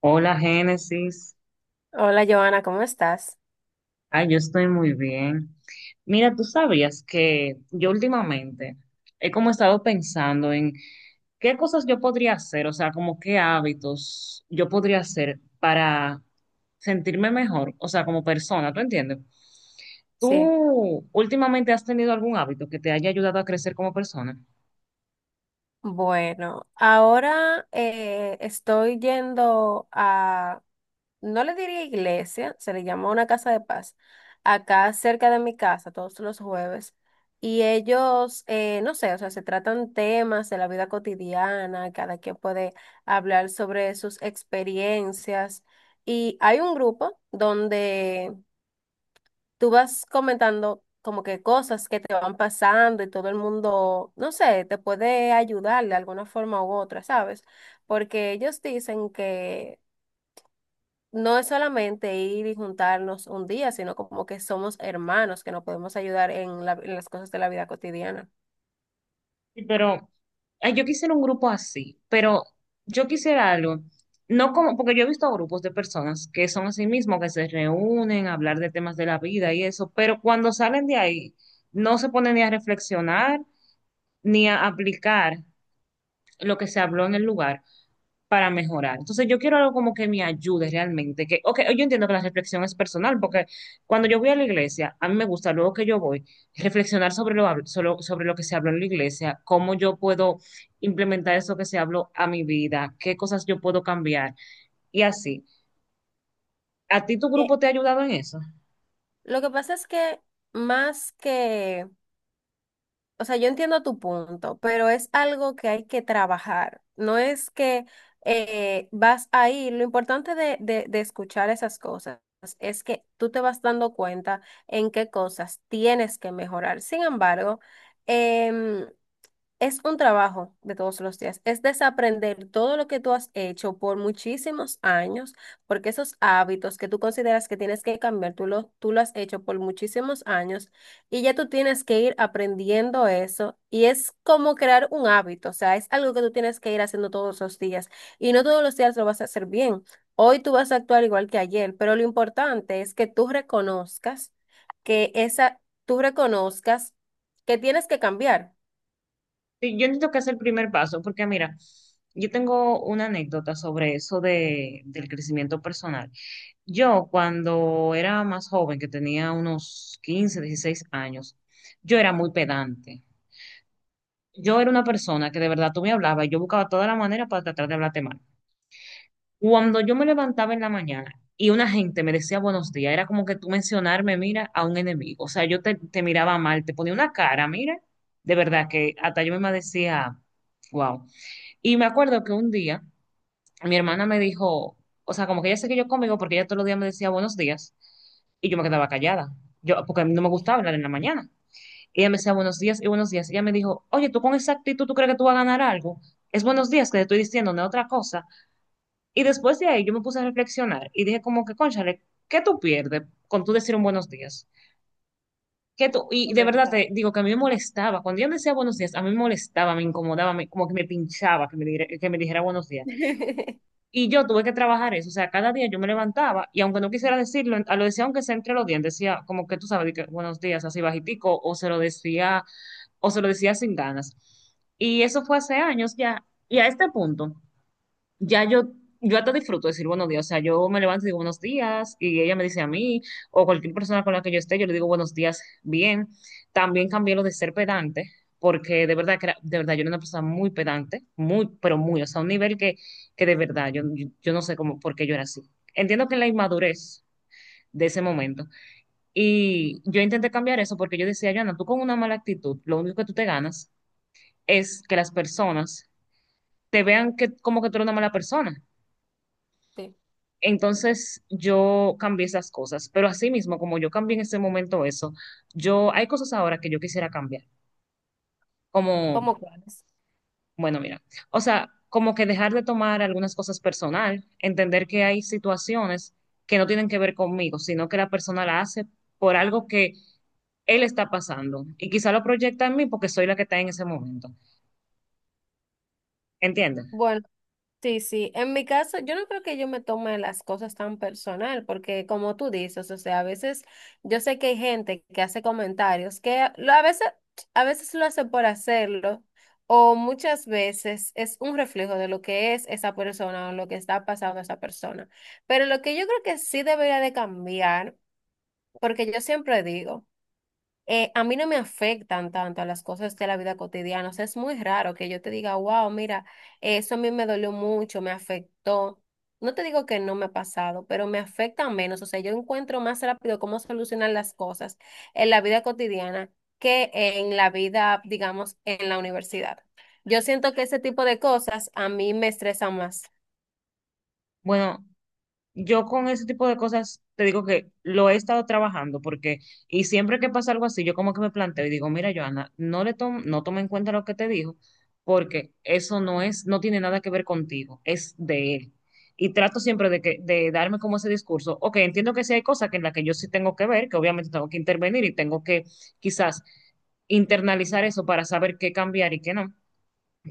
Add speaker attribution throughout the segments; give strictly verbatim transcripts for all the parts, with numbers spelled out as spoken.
Speaker 1: Hola Génesis,
Speaker 2: Hola, Joana, ¿cómo estás?
Speaker 1: ay, yo estoy muy bien. Mira, tú sabías que yo últimamente he como estado pensando en qué cosas yo podría hacer, o sea, como qué hábitos yo podría hacer para sentirme mejor, o sea, como persona, ¿tú entiendes?
Speaker 2: Sí.
Speaker 1: ¿Tú últimamente has tenido algún hábito que te haya ayudado a crecer como persona?
Speaker 2: Bueno, ahora eh, estoy yendo a, no le diría iglesia, se le llama una casa de paz, acá cerca de mi casa, todos los jueves. Y ellos, eh, no sé, o sea, se tratan temas de la vida cotidiana, cada quien puede hablar sobre sus experiencias. Y hay un grupo donde tú vas comentando como que cosas que te van pasando y todo el mundo, no sé, te puede ayudar de alguna forma u otra, ¿sabes? Porque ellos dicen que no es solamente ir y juntarnos un día, sino como que somos hermanos, que nos podemos ayudar en la- en las cosas de la vida cotidiana.
Speaker 1: Sí, pero ay, yo quisiera un grupo así, pero yo quisiera algo, no como, porque yo he visto grupos de personas que son así mismo, que se reúnen a hablar de temas de la vida y eso, pero cuando salen de ahí, no se ponen ni a reflexionar ni a aplicar lo que se habló en el lugar, para mejorar. Entonces yo quiero algo como que me ayude realmente, que, ok, yo entiendo que la reflexión es personal, porque cuando yo voy a la iglesia, a mí me gusta, luego que yo voy, reflexionar sobre lo, hab- solo- sobre lo que se habló en la iglesia, cómo yo puedo implementar eso que se habló a mi vida, qué cosas yo puedo cambiar y así. ¿A ti tu
Speaker 2: Eh,
Speaker 1: grupo te ha ayudado en eso?
Speaker 2: Lo que pasa es que más que o sea, yo entiendo tu punto, pero es algo que hay que trabajar. No es que eh, vas a ir. Lo importante de, de, de escuchar esas cosas es que tú te vas dando cuenta en qué cosas tienes que mejorar. Sin embargo, em, es un trabajo de todos los días, es desaprender todo lo que tú has hecho por muchísimos años, porque esos hábitos que tú consideras que tienes que cambiar, tú lo, tú lo has hecho por muchísimos años y ya tú tienes que ir aprendiendo eso y es como crear un hábito, o sea, es algo que tú tienes que ir haciendo todos los días y no todos los días lo vas a hacer bien. Hoy tú vas a actuar igual que ayer, pero lo importante es que tú reconozcas que esa, tú reconozcas que tienes que cambiar.
Speaker 1: Sí, Yo entiendo que es el primer paso, porque mira, yo tengo una anécdota sobre eso de, del crecimiento personal. Yo cuando era más joven, que tenía unos quince, dieciséis años, yo era muy pedante. Yo era una persona que de verdad tú me hablabas y yo buscaba toda la manera para tratar de hablarte mal. Cuando yo me levantaba en la mañana y una gente me decía buenos días, era como que tú mencionarme, mira, a un enemigo. O sea, yo te, te miraba mal, te ponía una cara, mira, de verdad que hasta yo misma decía, wow. Y me acuerdo que un día mi hermana me dijo, o sea, como que ella se yo conmigo porque ella todos los días me decía buenos días y yo me quedaba callada. Yo, porque a mí no me gustaba hablar en la mañana. Ella me decía buenos días y buenos días. Ella me dijo, oye, tú con esa actitud, ¿tú crees que tú vas a ganar algo? Es buenos días que te estoy diciendo, no es otra cosa. Y después de ahí yo me puse a reflexionar y dije como que, cónchale, ¿qué tú pierdes con tú decir un buenos días? ¿Qué tú? Y de verdad
Speaker 2: Correcto.
Speaker 1: te digo que a mí me molestaba. Cuando ella me decía buenos días, a mí me molestaba, me incomodaba, me- como que me pinchaba que me, dire- que me dijera buenos días. Y yo tuve que trabajar eso, o sea, cada día yo me levantaba y aunque no quisiera decirlo, a lo decía aunque sea entre los dientes, decía como que tú sabes, de que, buenos días, así bajitico, o se lo decía, o se lo decía sin ganas. Y eso fue hace años ya. Y a este punto, ya yo, yo hasta disfruto decir buenos días. O sea, yo me levanto y digo buenos días y ella me dice a mí o cualquier persona con la que yo esté, yo le digo buenos días bien. También cambié lo de ser pedante porque de verdad que era- de verdad yo era una persona muy pedante, muy, pero muy, o sea, un nivel que, que de verdad yo, yo, yo no sé cómo, por qué yo era así. Entiendo que la inmadurez de ese momento. Y yo intenté cambiar eso porque yo decía, Joana, tú con una mala actitud, lo único que tú te ganas es que las personas te vean que como que tú eres una mala persona.
Speaker 2: Sí,
Speaker 1: Entonces yo cambié esas cosas, pero así mismo, como yo cambié en ese momento eso, yo hay cosas ahora que yo quisiera cambiar, como,
Speaker 2: como quieras.
Speaker 1: bueno, mira, o sea, como que dejar de tomar algunas cosas personal, entender que hay situaciones que no tienen que ver conmigo, sino que la persona la hace por algo que él está pasando y quizá lo proyecta en mí porque soy la que está en ese momento, ¿entiendes?
Speaker 2: Bueno, sí, sí. En mi caso, yo no creo que yo me tome las cosas tan personal, porque como tú dices, o sea, a veces yo sé que hay gente que hace comentarios que a lo- a veces, a veces lo hace por hacerlo, o muchas veces es un reflejo de lo que es esa persona o lo que está pasando a esa persona. Pero lo que yo creo que sí debería de cambiar, porque yo siempre digo. Eh, a mí no me afectan tanto a las cosas de la vida cotidiana. O sea, es muy raro que yo te diga, wow, mira, eso a mí me dolió mucho, me afectó. No te digo que no me ha pasado, pero me afecta menos. O sea, yo encuentro más rápido cómo solucionar las cosas en la vida cotidiana que en la vida, digamos, en la universidad. Yo siento que ese tipo de cosas a mí me estresan más.
Speaker 1: Bueno, yo con ese tipo de cosas te digo que lo he estado trabajando porque, y siempre que pasa algo así, yo como que me planteo y digo, mira, Joana, no le tom- no toma en cuenta lo que te dijo porque eso no es, no tiene nada que ver contigo, es de él. Y trato siempre de que, de darme como ese discurso, ok, entiendo que sí hay cosas que en las que yo sí tengo que ver, que obviamente tengo que intervenir y tengo que quizás internalizar eso para saber qué cambiar y qué no,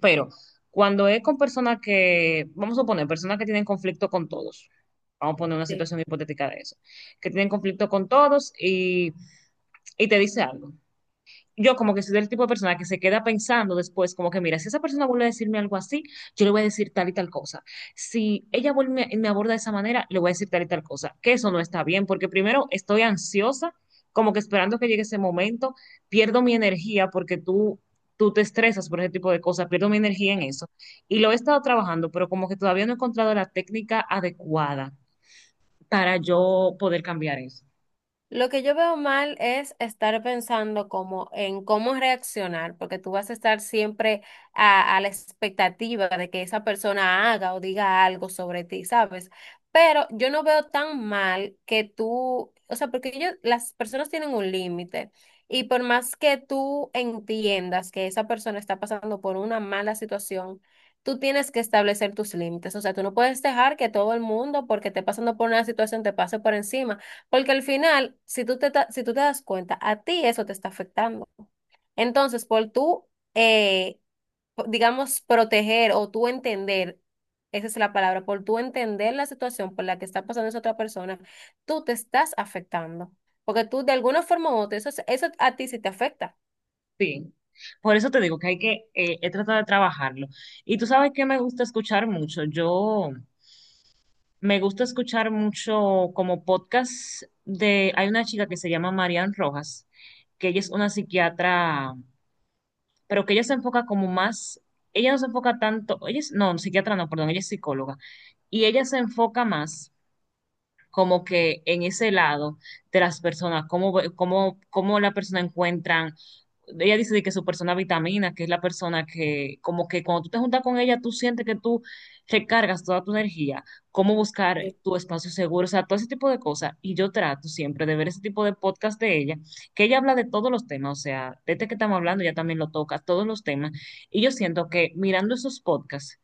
Speaker 1: pero cuando es con personas que, vamos a poner, personas que tienen conflicto con todos, vamos a poner una situación hipotética de eso, que tienen conflicto con todos y, y te dice algo, yo como que soy del tipo de persona que se queda pensando después, como que mira, si esa persona vuelve a decirme algo así, yo le voy a decir tal y tal cosa. Si ella vuelve y me aborda de esa manera, le voy a decir tal y tal cosa, que eso no está bien, porque primero estoy ansiosa, como que esperando que llegue ese momento, pierdo mi energía porque tú, tú te estresas por ese tipo de cosas, pierdo mi energía en
Speaker 2: Sí.
Speaker 1: eso. Y lo he estado trabajando, pero como que todavía no he encontrado la técnica adecuada para yo poder cambiar eso.
Speaker 2: Lo que yo veo mal es estar pensando como en cómo reaccionar, porque tú vas a estar siempre a, a la expectativa de que esa persona haga o diga algo sobre ti, ¿sabes? Pero yo no veo tan mal que tú, o sea, porque ellos, las personas tienen un límite y por más que tú entiendas que esa persona está pasando por una mala situación, tú tienes que establecer tus límites, o sea, tú no puedes dejar que todo el mundo, porque esté pasando por una situación, te pase por encima. Porque al final, si tú te, ta- si tú te das cuenta, a ti eso te está afectando. Entonces, por tú, eh, po- digamos, proteger o tú entender, esa es la palabra, por tú entender la situación por la que está pasando esa otra persona, tú te estás afectando. Porque tú, de alguna forma u otra, eso, es- eso a ti sí te afecta.
Speaker 1: Sí, por eso te digo que hay que, eh, he tratado de trabajarlo. Y tú sabes que me gusta escuchar mucho. Yo me gusta escuchar mucho como podcast de, hay una chica que se llama Marian Rojas, que ella es una psiquiatra, pero que ella se enfoca como más, ella no se enfoca tanto, ella es, no, psiquiatra no, perdón, ella es psicóloga. Y ella se enfoca más como que en ese lado de las personas, cómo, ve- cómo, cómo la persona encuentran, ella dice de que su persona vitamina, que es la persona que como que cuando tú te juntas con ella, tú sientes que tú recargas toda tu energía, cómo buscar
Speaker 2: Sí.
Speaker 1: tu espacio seguro, o sea, todo ese tipo de cosas. Y yo trato siempre de ver ese tipo de podcast de ella, que ella habla de todos los temas, o sea, desde que estamos hablando, ella también lo toca, todos los temas. Y yo siento que mirando esos podcasts,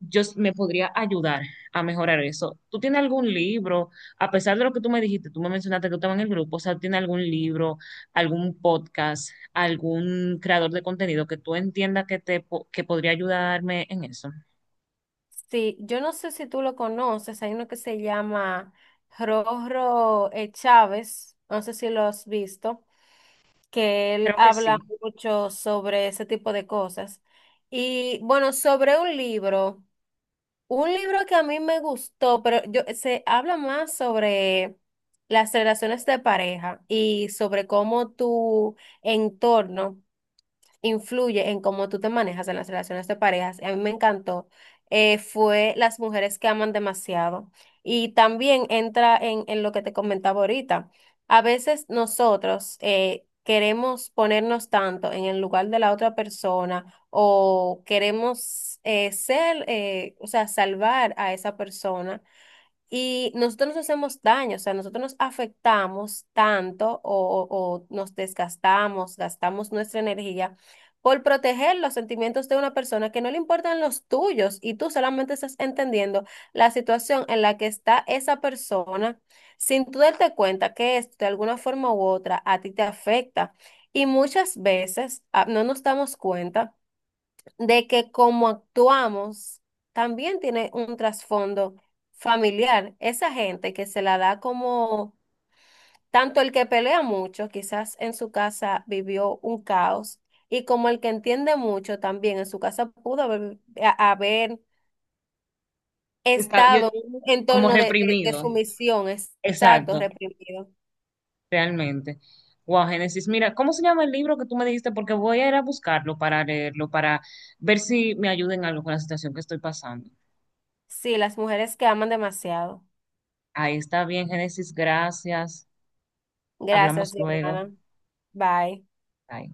Speaker 1: yo s- me podría ayudar a mejorar eso. ¿Tú tienes algún libro? A pesar de lo que tú me dijiste, tú me mencionaste que tú estabas en el grupo, o sea, ¿tienes algún libro, algún podcast, algún creador de contenido que tú entiendas que te po- que podría ayudarme en eso?
Speaker 2: Sí, yo no sé si tú lo conoces, hay uno que se llama Rorro eh, Chávez, no sé si lo has visto. Que él
Speaker 1: Creo que
Speaker 2: habla
Speaker 1: sí.
Speaker 2: mucho sobre ese tipo de cosas. Y bueno, sobre un libro, un libro que a mí me gustó, pero yo, se habla más sobre las relaciones de pareja y sobre cómo tu entorno influye en cómo tú te manejas en las relaciones de parejas. A mí me encantó. Eh, fue las mujeres que aman demasiado. Y también entra en, en lo que te comentaba ahorita. A veces nosotros eh, queremos ponernos tanto en el lugar de la otra persona o queremos eh, ser, eh, o sea, salvar a esa persona y nosotros nos hacemos daño, o sea, nosotros nos afectamos tanto o, o- o nos desgastamos, gastamos nuestra energía por proteger los sentimientos de una persona que no le importan los tuyos y tú solamente estás entendiendo la situación en la que está esa persona sin tú darte cuenta que esto de alguna forma u otra a ti te afecta. Y muchas veces ah, no nos damos cuenta de que como actuamos también tiene un trasfondo familiar. Esa gente que se la da como, tanto el que pelea mucho, quizás en su casa vivió un caos, y como el que entiende mucho también en su casa pudo haber, a- haber
Speaker 1: Está yo
Speaker 2: estado en un
Speaker 1: como
Speaker 2: entorno de, de, de
Speaker 1: reprimido.
Speaker 2: sumisión, exacto,
Speaker 1: Exacto,
Speaker 2: reprimido.
Speaker 1: realmente. Wow, Génesis, mira, ¿cómo se llama el libro que tú me dijiste? Porque voy a ir a buscarlo para leerlo, para ver si me ayuda en algo con la situación que estoy pasando.
Speaker 2: Sí, las mujeres que aman demasiado.
Speaker 1: Ahí está bien, Génesis, gracias.
Speaker 2: Gracias,
Speaker 1: Hablamos luego.
Speaker 2: Giovanna. Bye.
Speaker 1: Bye.